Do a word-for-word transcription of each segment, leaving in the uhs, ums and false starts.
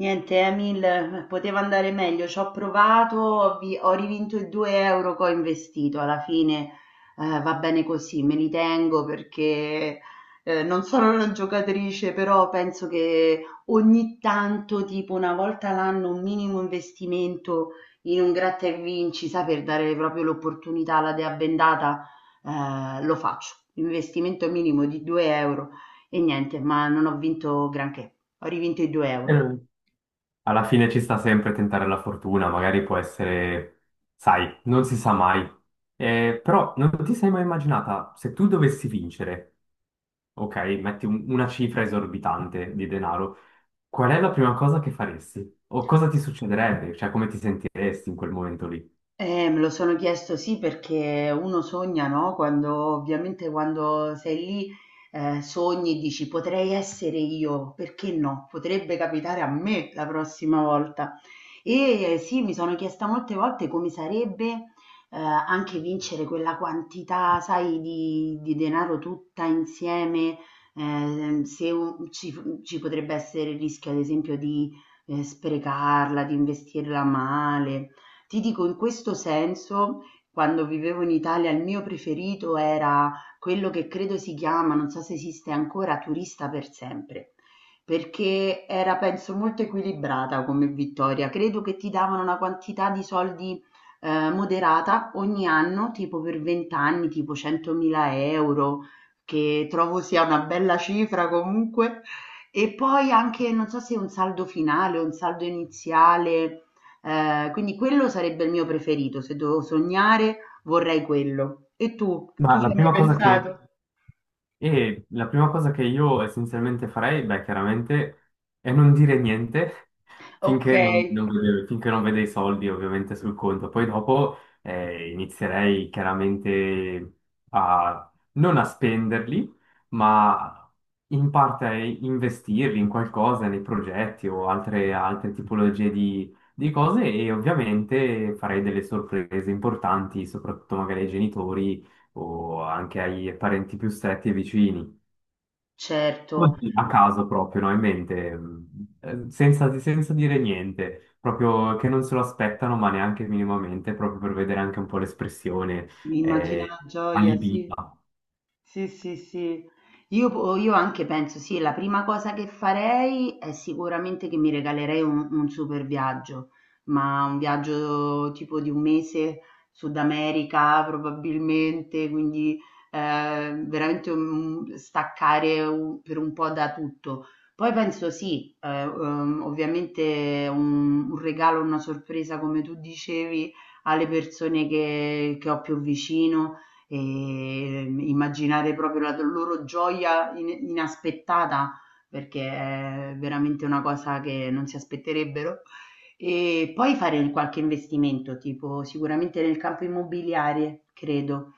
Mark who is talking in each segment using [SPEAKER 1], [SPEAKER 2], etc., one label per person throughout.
[SPEAKER 1] Niente, Emil, poteva andare meglio, ci ho provato, ho, vi- ho rivinto i due euro che ho investito, alla fine. Eh, va bene così, me li tengo perché eh, non sono una giocatrice, però penso che ogni tanto, tipo una volta l'anno, un minimo investimento in un gratta e vinci, sa, per dare proprio l'opportunità alla dea bendata, eh, lo faccio, investimento minimo di due euro. E niente, ma non ho vinto granché, ho rivinto i due euro.
[SPEAKER 2] Eh, Alla fine ci sta sempre tentare la fortuna, magari può essere, sai, non si sa mai. Eh, però non ti sei mai immaginata, se tu dovessi vincere, ok, metti un- una cifra esorbitante di denaro, qual è la prima cosa che faresti? O cosa ti succederebbe? Cioè, come ti sentiresti in quel momento lì?
[SPEAKER 1] Eh, me lo sono chiesto, sì, perché uno sogna, no? Quando ovviamente quando sei lì eh, sogni e dici potrei essere io, perché no? Potrebbe capitare a me la prossima volta. E eh, sì, mi sono chiesta molte volte come sarebbe eh, anche vincere quella quantità, sai, di, di denaro tutta insieme. Ehm, se un- ci, Ci potrebbe essere il rischio, ad esempio, di eh, sprecarla, di investirla male. Ti dico in questo senso, quando vivevo in Italia il mio preferito era quello che credo si chiama, non so se esiste ancora, Turista per sempre, perché era, penso, molto equilibrata come vittoria. Credo che ti davano una quantità di soldi eh, moderata ogni anno, tipo per venti anni, tipo centomila euro, che trovo sia una bella cifra comunque. E poi anche, non so se un saldo finale o un saldo iniziale. Ehm, quindi quello sarebbe il mio preferito, se devo sognare vorrei quello. E tu?
[SPEAKER 2] Ma
[SPEAKER 1] Tu ci
[SPEAKER 2] La
[SPEAKER 1] hai mai
[SPEAKER 2] prima cosa che
[SPEAKER 1] pensato?
[SPEAKER 2] E la prima cosa che io essenzialmente farei, beh, chiaramente, è non dire niente
[SPEAKER 1] Ok,
[SPEAKER 2] finché non, non vede, finché non vede i soldi ovviamente sul conto. Poi dopo eh, inizierei chiaramente a non a spenderli, ma in parte a investirli in qualcosa, nei progetti o altre, altre tipologie di, di cose e ovviamente farei delle sorprese importanti, soprattutto magari ai genitori o anche ai parenti più stretti e vicini,
[SPEAKER 1] certo,
[SPEAKER 2] Oddio, a caso proprio, no? In mente, mh, eh, senza, senza dire niente, proprio che non se lo aspettano, ma neanche minimamente, proprio per vedere anche un po' l'espressione
[SPEAKER 1] mi immagino la
[SPEAKER 2] eh,
[SPEAKER 1] gioia, sì.
[SPEAKER 2] allibita.
[SPEAKER 1] Sì, sì, sì. Io, po- io anche penso, sì, la prima cosa che farei è sicuramente che mi regalerei un, un super viaggio, ma un viaggio tipo di un mese, Sud America probabilmente, quindi eh, veramente un- staccare un- per un po' da tutto. Poi penso, sì, eh, ehm, ovviamente un, un regalo, una sorpresa, come tu dicevi, alle persone che che ho più vicino. Ehm, immaginare proprio la loro gioia in inaspettata, perché è veramente una cosa che non si aspetterebbero. E poi fare qualche investimento, tipo sicuramente nel campo immobiliare, credo.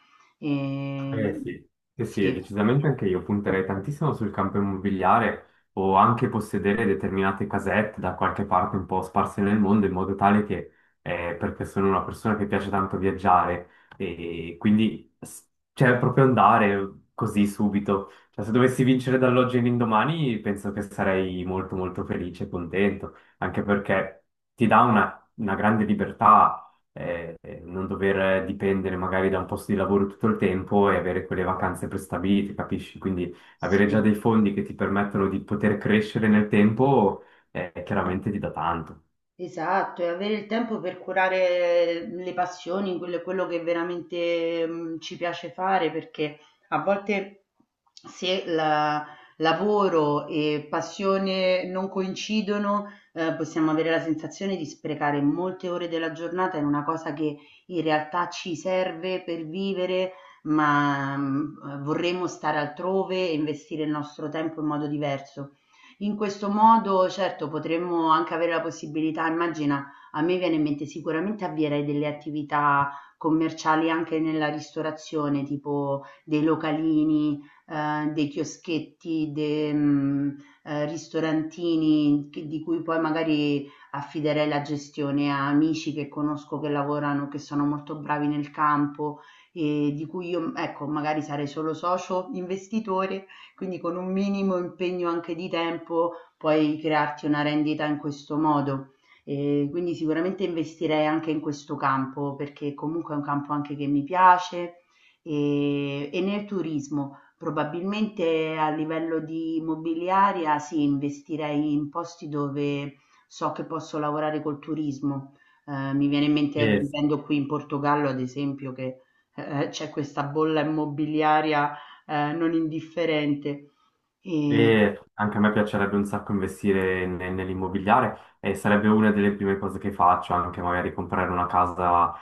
[SPEAKER 2] Eh
[SPEAKER 1] Ehm,
[SPEAKER 2] sì, sì, sì, e
[SPEAKER 1] sì,
[SPEAKER 2] decisamente anche io punterei tantissimo sul campo immobiliare o anche possedere determinate casette da qualche parte un po' sparse nel mondo in modo tale che, eh, perché sono una persona che piace tanto viaggiare e quindi s- cioè, proprio andare così subito. Cioè, se dovessi vincere dall'oggi all'indomani penso che sarei molto molto felice e contento, anche perché ti dà una una grande libertà eh, non dover dipendere magari da un posto di lavoro tutto il tempo e avere quelle vacanze prestabilite, capisci? Quindi avere
[SPEAKER 1] sì.
[SPEAKER 2] già dei fondi che ti permettono di poter crescere nel tempo, eh, chiaramente ti dà tanto.
[SPEAKER 1] Esatto, e avere il tempo per curare le passioni, quello quello che veramente, mhmm, ci piace fare, perché a volte se la lavoro e passione non coincidono, ehm, possiamo avere la sensazione di sprecare molte ore della giornata in una cosa che in realtà ci serve per vivere, ma, mhmm, vorremmo stare altrove e investire il nostro tempo in modo diverso. In questo modo, certo, potremmo anche avere la possibilità, immagina, a me viene in mente sicuramente avvierei delle attività commerciali anche nella ristorazione, tipo dei localini, eh, dei chioschetti, dei mm, eh, ristorantini che- di cui poi magari affiderei la gestione a amici che conosco che lavorano, che sono molto bravi nel campo e di cui io, ecco, magari sarei solo socio investitore, quindi con un minimo impegno anche di tempo puoi crearti una rendita in questo modo. E quindi sicuramente investirei anche in questo campo perché comunque è un campo anche che mi piace e, e nel turismo. Probabilmente a livello di immobiliaria, sì, investirei in posti dove so che posso lavorare col turismo. Eh, mi viene in mente
[SPEAKER 2] E,
[SPEAKER 1] vivendo qui in Portogallo, ad esempio, che eh, c'è questa bolla immobiliaria ehm, non indifferente. E
[SPEAKER 2] e anche a me piacerebbe un sacco investire ne- nell'immobiliare e sarebbe una delle prime cose che faccio, anche magari comprare una casa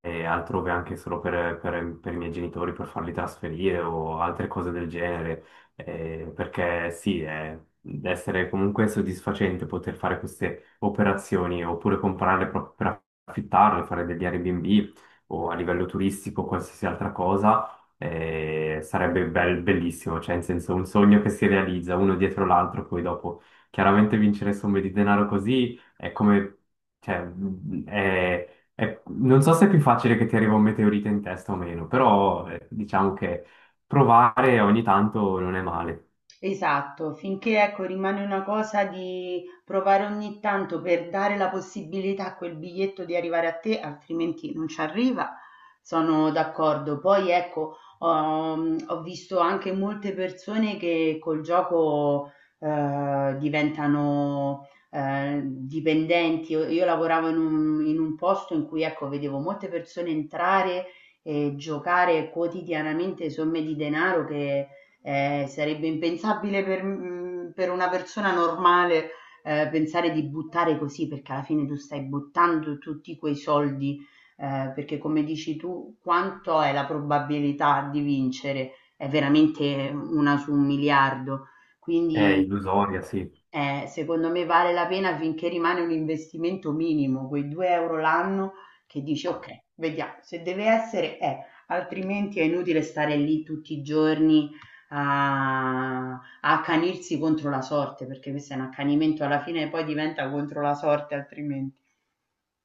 [SPEAKER 2] e altrove anche solo per, per- per i miei genitori, per farli trasferire o altre cose del genere, eh, perché sì, è, deve essere comunque soddisfacente poter fare queste operazioni oppure comprarle proprio per affittarle, fare degli Airbnb o a livello turistico, qualsiasi altra cosa. Eh, sarebbe bel- bellissimo, cioè in senso un sogno che si realizza uno dietro l'altro, poi dopo chiaramente vincere somme di denaro così è come, cioè, è, eh, non so se è più facile che ti arriva un meteorite in testa o meno, però eh, diciamo che provare ogni tanto non è male.
[SPEAKER 1] esatto, finché ecco rimane una cosa di provare ogni tanto per dare la possibilità a quel biglietto di arrivare a te, altrimenti non ci arriva, sono d'accordo. Poi ecco, ho, ho visto anche molte persone che col gioco eh, diventano eh, dipendenti. Io, io lavoravo in un, in un posto in cui, ecco, vedevo molte persone entrare e giocare quotidianamente somme di denaro che Ehm, sarebbe impensabile per mhmm, per una persona normale, ehm, pensare di buttare così, perché alla fine tu stai buttando tutti quei soldi, ehm, perché come dici tu, quanto è la probabilità di vincere? È veramente un su un miliardo.
[SPEAKER 2] È
[SPEAKER 1] Quindi
[SPEAKER 2] illusoria, sì.
[SPEAKER 1] eh, secondo me vale la pena finché rimane un investimento minimo, quei due euro l'anno, che dici ok, vediamo, se deve essere è, altrimenti è inutile stare lì tutti i giorni a, a accanirsi contro la sorte, perché questo è un accanimento alla fine e poi diventa contro la sorte altrimenti.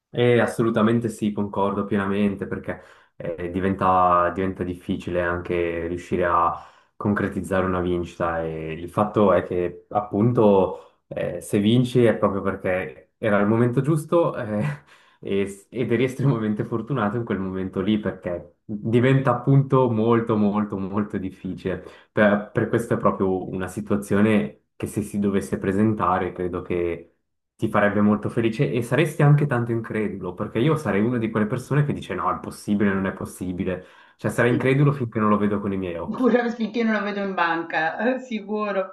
[SPEAKER 2] Eh, assolutamente sì, concordo pienamente perché eh, diventa, diventa difficile anche riuscire a concretizzare una vincita e il fatto è che appunto eh, se vinci è proprio perché era il momento giusto eh, e- ed eri estremamente fortunato in quel momento lì perché diventa appunto molto molto molto difficile. Per, per questo è proprio una situazione che se si dovesse presentare credo che ti farebbe molto felice e saresti anche tanto incredulo, perché io sarei una di quelle persone che dice no, è possibile, non è possibile. Cioè sarei
[SPEAKER 1] Sì.
[SPEAKER 2] incredulo finché non lo vedo con i miei occhi.
[SPEAKER 1] Pure finché non lo vedo in banca, eh, sicuro,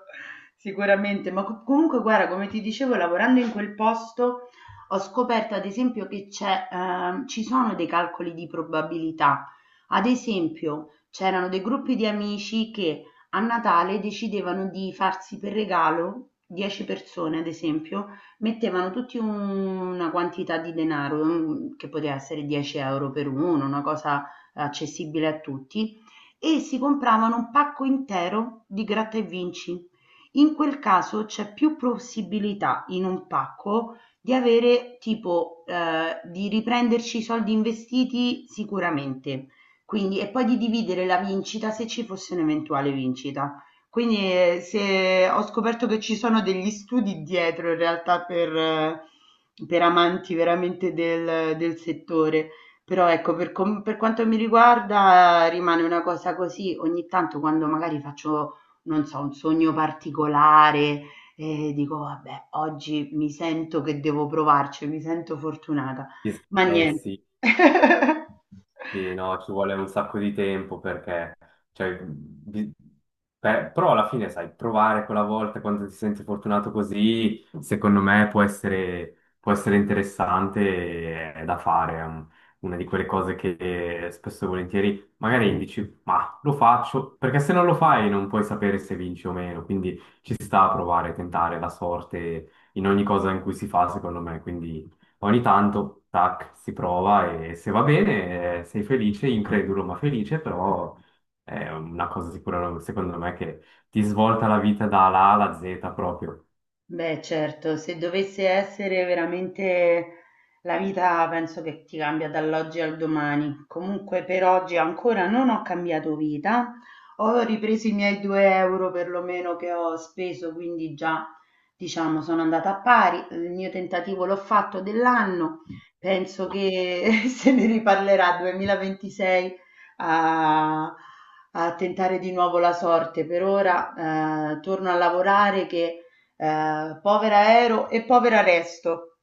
[SPEAKER 1] sicuramente. Ma co- comunque, guarda, come ti dicevo, lavorando in quel posto ho scoperto, ad esempio, che c'è, ehm, ci sono dei calcoli di probabilità. Ad esempio, c'erano dei gruppi di amici che a Natale decidevano di farsi per regalo dieci persone, ad esempio, mettevano tutti un- una quantità di denaro, un- che poteva essere dieci euro per uno, una cosa accessibile a tutti, e si compravano un pacco intero di gratta e vinci. In quel caso c'è più possibilità in un pacco di avere, tipo, eh, di riprenderci i soldi investiti sicuramente. Quindi, e poi di dividere la vincita se ci fosse un'eventuale vincita. Quindi eh, se ho scoperto che ci sono degli studi dietro in realtà per, eh, per amanti veramente del, del settore, però ecco, per, com- per quanto mi riguarda eh, rimane una cosa così, ogni tanto quando magari faccio, non so, un sogno particolare e dico, vabbè, oggi mi sento che devo provarci, mi sento fortunata, ma
[SPEAKER 2] Eh
[SPEAKER 1] niente.
[SPEAKER 2] sì, sì, no, ci vuole un sacco di tempo perché, cioè, bi- per- però alla fine, sai, provare quella volta quando ti senti fortunato così, secondo me può essere, può essere interessante e è da fare, è un- una di quelle cose che spesso e volentieri magari dici, ma lo faccio, perché se non lo fai non puoi sapere se vinci o meno, quindi ci sta a provare, tentare la sorte in ogni cosa in cui si fa, secondo me, quindi. Ogni tanto, tac, si prova e se va bene, eh, sei felice, incredulo ma felice, però è una cosa sicura, secondo me, che ti svolta la vita dalla A alla zeta proprio.
[SPEAKER 1] Beh, certo, se dovesse essere veramente la vita, penso che ti cambia dall'oggi al domani. Comunque, per oggi ancora non ho cambiato vita, ho ripreso i miei due euro perlomeno che ho speso, quindi già, diciamo, sono andata a pari. Il mio tentativo l'ho fatto dell'anno, penso che se ne riparlerà duemilaventisei a, a tentare di nuovo la sorte. Per ora, eh, torno a lavorare che eh, Povera Ero e povera Resto